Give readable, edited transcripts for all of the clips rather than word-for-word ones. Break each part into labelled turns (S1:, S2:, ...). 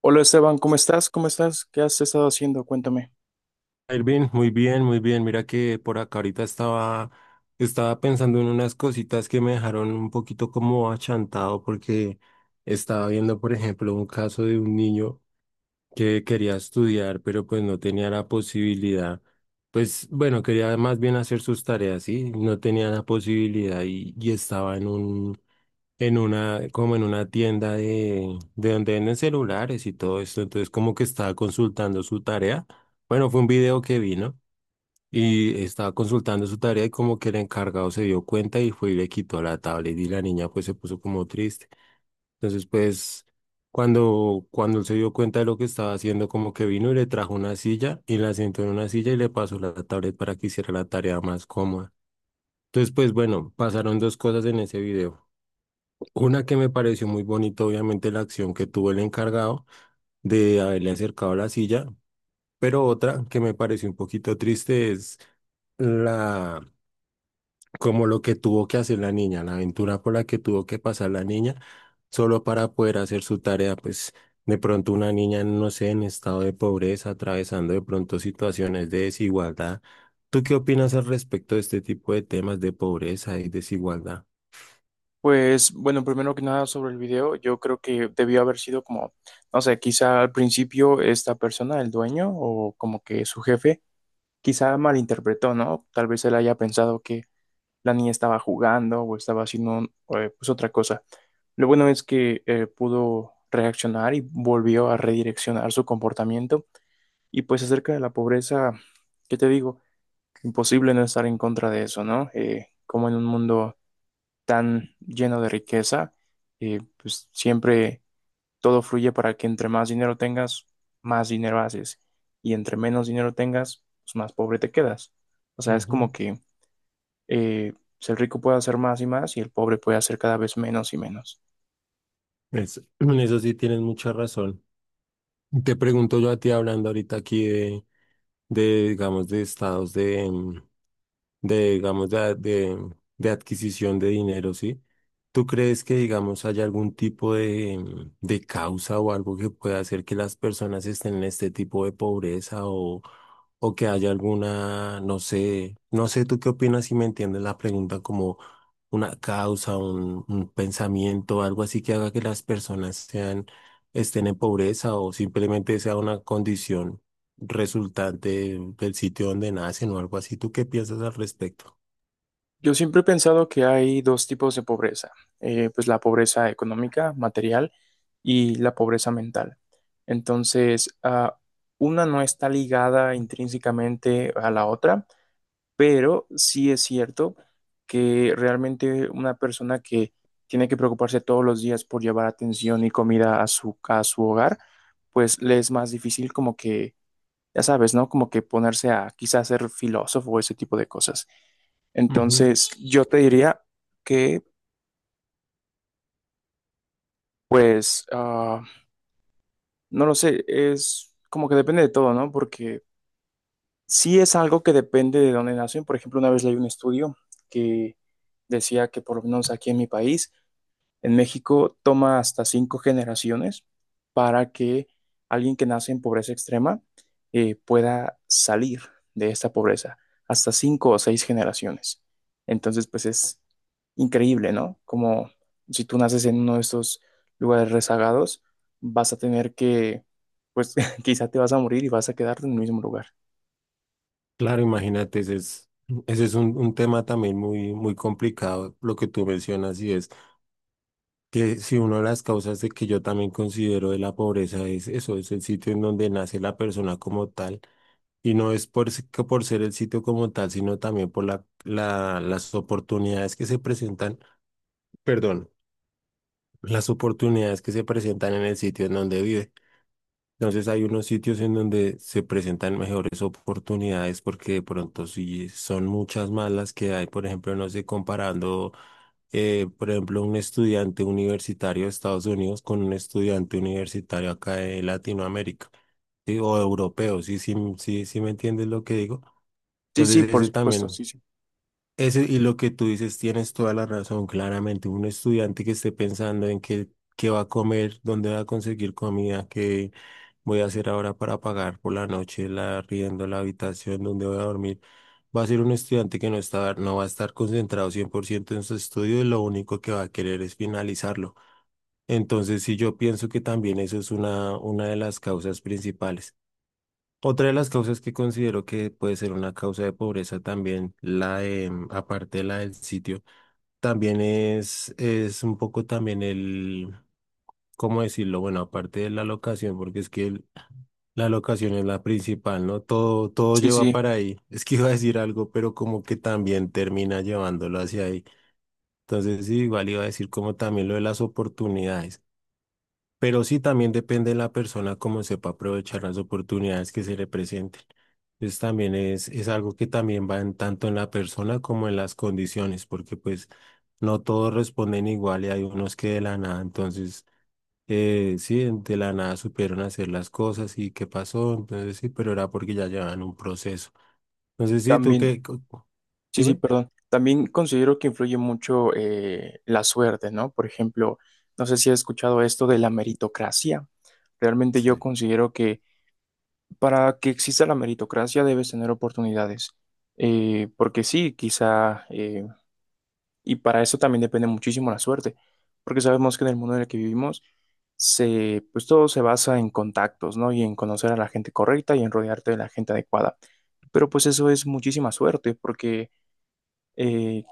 S1: Hola Esteban, ¿cómo estás? ¿Cómo estás? ¿Qué has estado haciendo? Cuéntame.
S2: Irvin, muy bien, muy bien. Mira que por acá ahorita estaba pensando en unas cositas que me dejaron un poquito como achantado porque estaba viendo, por ejemplo, un caso de un niño que quería estudiar, pero pues no tenía la posibilidad. Pues bueno, quería más bien hacer sus tareas, ¿sí? No tenía la posibilidad y estaba en en una, como en una tienda de donde venden celulares y todo esto. Entonces como que estaba consultando su tarea. Bueno, fue un video que vi, ¿no? Y estaba consultando su tarea y como que el encargado se dio cuenta y fue y le quitó la tablet y la niña pues se puso como triste. Entonces pues cuando él se dio cuenta de lo que estaba haciendo como que vino y le trajo una silla y la sentó en una silla y le pasó la tablet para que hiciera la tarea más cómoda. Entonces pues bueno, pasaron dos cosas en ese video. Una que me pareció muy bonita obviamente la acción que tuvo el encargado de haberle acercado la silla, pero otra que me pareció un poquito triste es La, como lo que tuvo que hacer la niña, la aventura por la que tuvo que pasar la niña, solo para poder hacer su tarea, pues de pronto una niña, no sé, en estado de pobreza, atravesando de pronto situaciones de desigualdad. ¿Tú qué opinas al respecto de este tipo de temas de pobreza y desigualdad?
S1: Pues bueno, primero que nada sobre el video, yo creo que debió haber sido como, no sé, quizá al principio esta persona, el dueño o como que su jefe, quizá malinterpretó, ¿no? Tal vez él haya pensado que la niña estaba jugando o estaba haciendo pues otra cosa. Lo bueno es que pudo reaccionar y volvió a redireccionar su comportamiento. Y pues acerca de la pobreza, ¿qué te digo? Imposible no estar en contra de eso, ¿no? Como en un mundo tan lleno de riqueza, pues siempre todo fluye para que entre más dinero tengas, más dinero haces, y entre menos dinero tengas, pues más pobre te quedas. O sea, es
S2: Ujú.
S1: como que el rico puede hacer más y más y el pobre puede hacer cada vez menos y menos.
S2: En eso sí tienes mucha razón. Te pregunto yo a ti hablando ahorita aquí de, digamos, de estados de, digamos, de adquisición de dinero, ¿sí? ¿Tú crees que, digamos, haya algún tipo de causa o algo que pueda hacer que las personas estén en este tipo de pobreza o que haya alguna, no sé, no sé, tú qué opinas si me entiendes la pregunta como una causa, un pensamiento, algo así que haga que las personas sean, estén en pobreza o simplemente sea una condición resultante del sitio donde nacen o algo así. ¿Tú qué piensas al respecto?
S1: Yo siempre he pensado que hay dos tipos de pobreza, pues la pobreza económica, material, y la pobreza mental. Entonces, una no está ligada intrínsecamente a la otra, pero sí es cierto que realmente una persona que tiene que preocuparse todos los días por llevar atención y comida a su hogar, pues le es más difícil como que, ya sabes, ¿no? Como que ponerse a quizás ser filósofo o ese tipo de cosas.
S2: Ujú.
S1: Entonces, yo te diría que, pues, no lo sé, es como que depende de todo, ¿no? Porque sí es algo que depende de dónde nacen. Por ejemplo, una vez leí un estudio que decía que por lo menos aquí en mi país, en México toma hasta cinco generaciones para que alguien que nace en pobreza extrema pueda salir de esta pobreza, hasta cinco o seis generaciones. Entonces, pues es increíble, ¿no? Como si tú naces en uno de estos lugares rezagados, vas a tener que, pues quizá te vas a morir y vas a quedarte en el mismo lugar.
S2: Claro, imagínate, ese es un tema también muy, muy complicado, lo que tú mencionas, y es que si una de las causas de que yo también considero de la pobreza es eso, es el sitio en donde nace la persona como tal, y no es que por ser el sitio como tal, sino también por las oportunidades que se presentan, perdón, las oportunidades que se presentan en el sitio en donde vive. Entonces hay unos sitios en donde se presentan mejores oportunidades porque de pronto sí son muchas más las que hay, por ejemplo, no sé, comparando, por ejemplo, un estudiante universitario de Estados Unidos con un estudiante universitario acá de Latinoamérica, ¿sí? O europeo, sí, sí, sí, sí me entiendes lo que digo.
S1: Sí,
S2: Entonces
S1: sí, por
S2: ese
S1: supuesto,
S2: también,
S1: sí, sí.
S2: ese y lo que tú dices tienes toda la razón, claramente, un estudiante que esté pensando en qué va a comer, dónde va a conseguir comida, que voy a hacer ahora para pagar por la noche la arriendo, la habitación donde voy a dormir. Va a ser un estudiante que no está, no va a estar concentrado 100% en su estudio y lo único que va a querer es finalizarlo. Entonces, sí, yo pienso que también eso es una de las causas principales. Otra de las causas que considero que puede ser una causa de pobreza también, la aparte de la del sitio, también es un poco también ¿cómo decirlo? Bueno, aparte de la locación, porque es que la locación es la principal, ¿no? Todo, todo
S1: Sí,
S2: lleva
S1: sí,
S2: para ahí. Es que iba a decir algo, pero como que también termina llevándolo hacia ahí. Entonces, sí, igual iba a decir como también lo de las oportunidades. Pero sí, también depende de la persona cómo sepa aprovechar las oportunidades que se le presenten. Entonces, también es algo que también va en, tanto en la persona como en las condiciones, porque pues no todos responden igual y hay unos que de la nada. Entonces, sí, de la nada supieron hacer las cosas y qué pasó, entonces sí, pero era porque ya llevaban un proceso. Entonces sí, tú
S1: también.
S2: qué, co- co-
S1: Sí, sí,
S2: dime.
S1: perdón. También considero que influye mucho la suerte, ¿no? Por ejemplo, no sé si has escuchado esto de la meritocracia. Realmente yo
S2: Sí.
S1: considero que para que exista la meritocracia debes tener oportunidades. Porque sí, quizá, y para eso también depende muchísimo la suerte, porque sabemos que en el mundo en el que vivimos, se, pues todo se basa en contactos, ¿no? Y en conocer a la gente correcta y en rodearte de la gente adecuada. Pero pues eso es muchísima suerte, porque eh,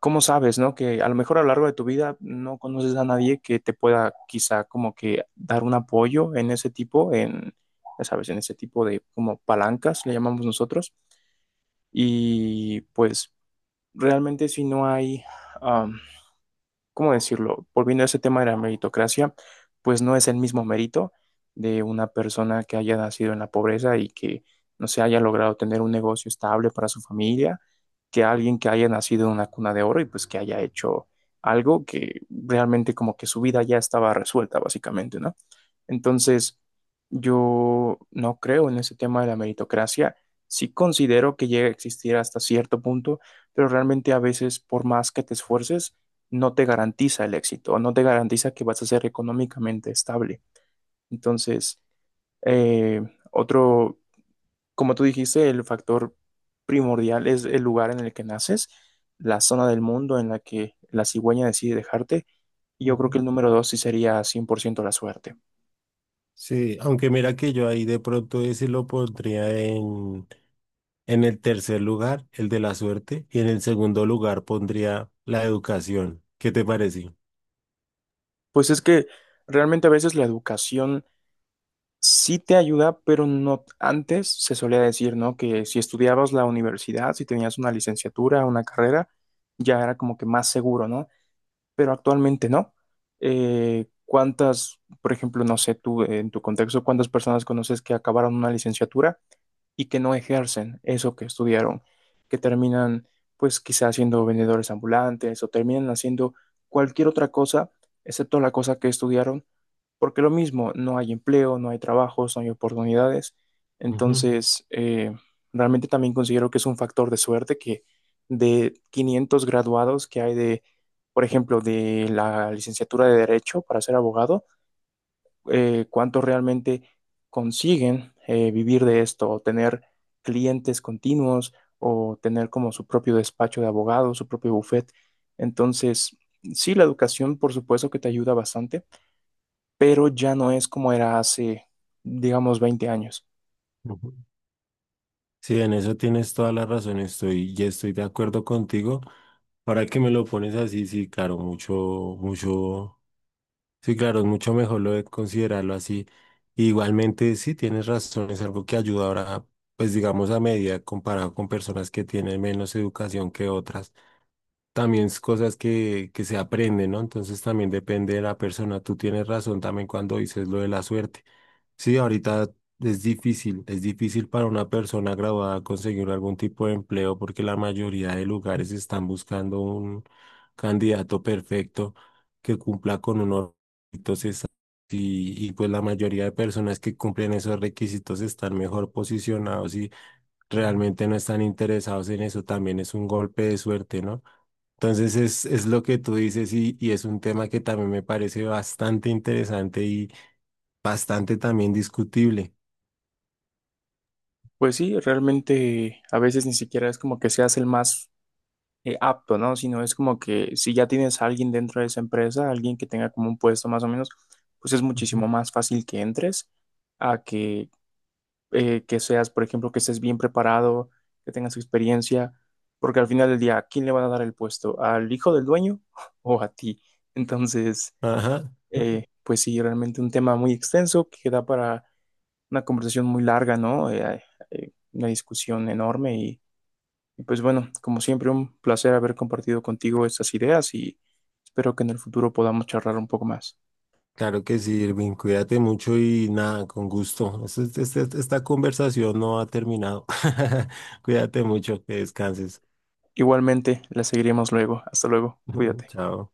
S1: ¿cómo sabes, no? Que a lo mejor a lo largo de tu vida no conoces a nadie que te pueda quizá como que dar un apoyo en ese tipo, ya sabes, en ese tipo de como palancas, le llamamos nosotros. Y pues realmente si no hay, am, ¿cómo decirlo? Volviendo a ese tema de la meritocracia, pues no es el mismo mérito de una persona que haya nacido en la pobreza y que no se haya logrado tener un negocio estable para su familia, que alguien que haya nacido en una cuna de oro y pues que haya hecho algo que realmente como que su vida ya estaba resuelta, básicamente, ¿no? Entonces, yo no creo en ese tema de la meritocracia. Sí considero que llega a existir hasta cierto punto, pero realmente a veces, por más que te esfuerces, no te garantiza el éxito, no te garantiza que vas a ser económicamente estable. Entonces, eh, otro, como tú dijiste, el factor primordial es el lugar en el que naces, la zona del mundo en la que la cigüeña decide dejarte. Y yo creo que
S2: Ujú.
S1: el número dos sí sería 100% la suerte.
S2: Sí, aunque mira que yo ahí de pronto ese lo pondría en, el tercer lugar, el de la suerte, y en el segundo lugar pondría la educación. ¿Qué te parece?
S1: Pues es que realmente a veces la educación sí te ayuda, pero no antes se solía decir, ¿no? Que si estudiabas la universidad, si tenías una licenciatura, una carrera, ya era como que más seguro, ¿no? Pero actualmente no. ¿Cuántas, por ejemplo, no sé, tú en tu contexto, cuántas personas conoces que acabaron una licenciatura y que no ejercen eso que estudiaron, que terminan pues quizás siendo vendedores ambulantes o terminan haciendo cualquier otra cosa excepto la cosa que estudiaron, porque lo mismo, no hay empleo, no hay trabajos, no hay oportunidades.
S2: Ujú,
S1: Entonces, realmente también considero que es un factor de suerte que de 500 graduados que hay de, por ejemplo, de la licenciatura de Derecho para ser abogado, cuántos realmente consiguen vivir de esto o tener clientes continuos o tener como su propio despacho de abogados, su propio bufet. Entonces, sí, la educación por supuesto que te ayuda bastante, pero ya no es como era hace, digamos, 20 años.
S2: ujú. Sí, en eso tienes toda la razón, estoy, ya estoy de acuerdo contigo. Ahora que me lo pones así, sí, claro, mucho, mucho. Sí, claro, es mucho mejor lo de considerarlo así. Igualmente, sí, tienes razón, es algo que ayuda ahora, pues digamos a medida comparado con personas que tienen menos educación que otras también es cosas que se aprenden, ¿no? Entonces también depende de la persona. Tú tienes razón también cuando dices lo de la suerte. Sí, ahorita es difícil para una persona graduada conseguir algún tipo de empleo porque la mayoría de lugares están buscando un candidato perfecto que cumpla con unos requisitos exactos y pues la mayoría de personas que cumplen esos requisitos están mejor posicionados y realmente no están interesados en eso. También es un golpe de suerte, ¿no? Entonces es lo que tú dices y es un tema que también me parece bastante interesante y bastante también discutible.
S1: Pues sí, realmente a veces ni siquiera es como que seas el más apto, ¿no? Sino es como que si ya tienes a alguien dentro de esa empresa, alguien que tenga como un puesto más o menos, pues es
S2: Ujú.
S1: muchísimo más fácil que entres a que seas, por ejemplo, que estés bien preparado, que tengas experiencia, porque al final del día, ¿a quién le van a dar el puesto? ¿Al hijo del dueño o a ti? Entonces,
S2: Ajá.
S1: pues sí, realmente un tema muy extenso que da para una conversación muy larga, ¿no? Una discusión enorme y pues bueno, como siempre, un placer haber compartido contigo estas ideas y espero que en el futuro podamos charlar un poco más.
S2: Claro que sí, Irving, cuídate mucho y nada, con gusto. Esta conversación no ha terminado. Cuídate mucho, que descanses.
S1: Igualmente, las seguiremos luego. Hasta luego. Cuídate.
S2: Chao.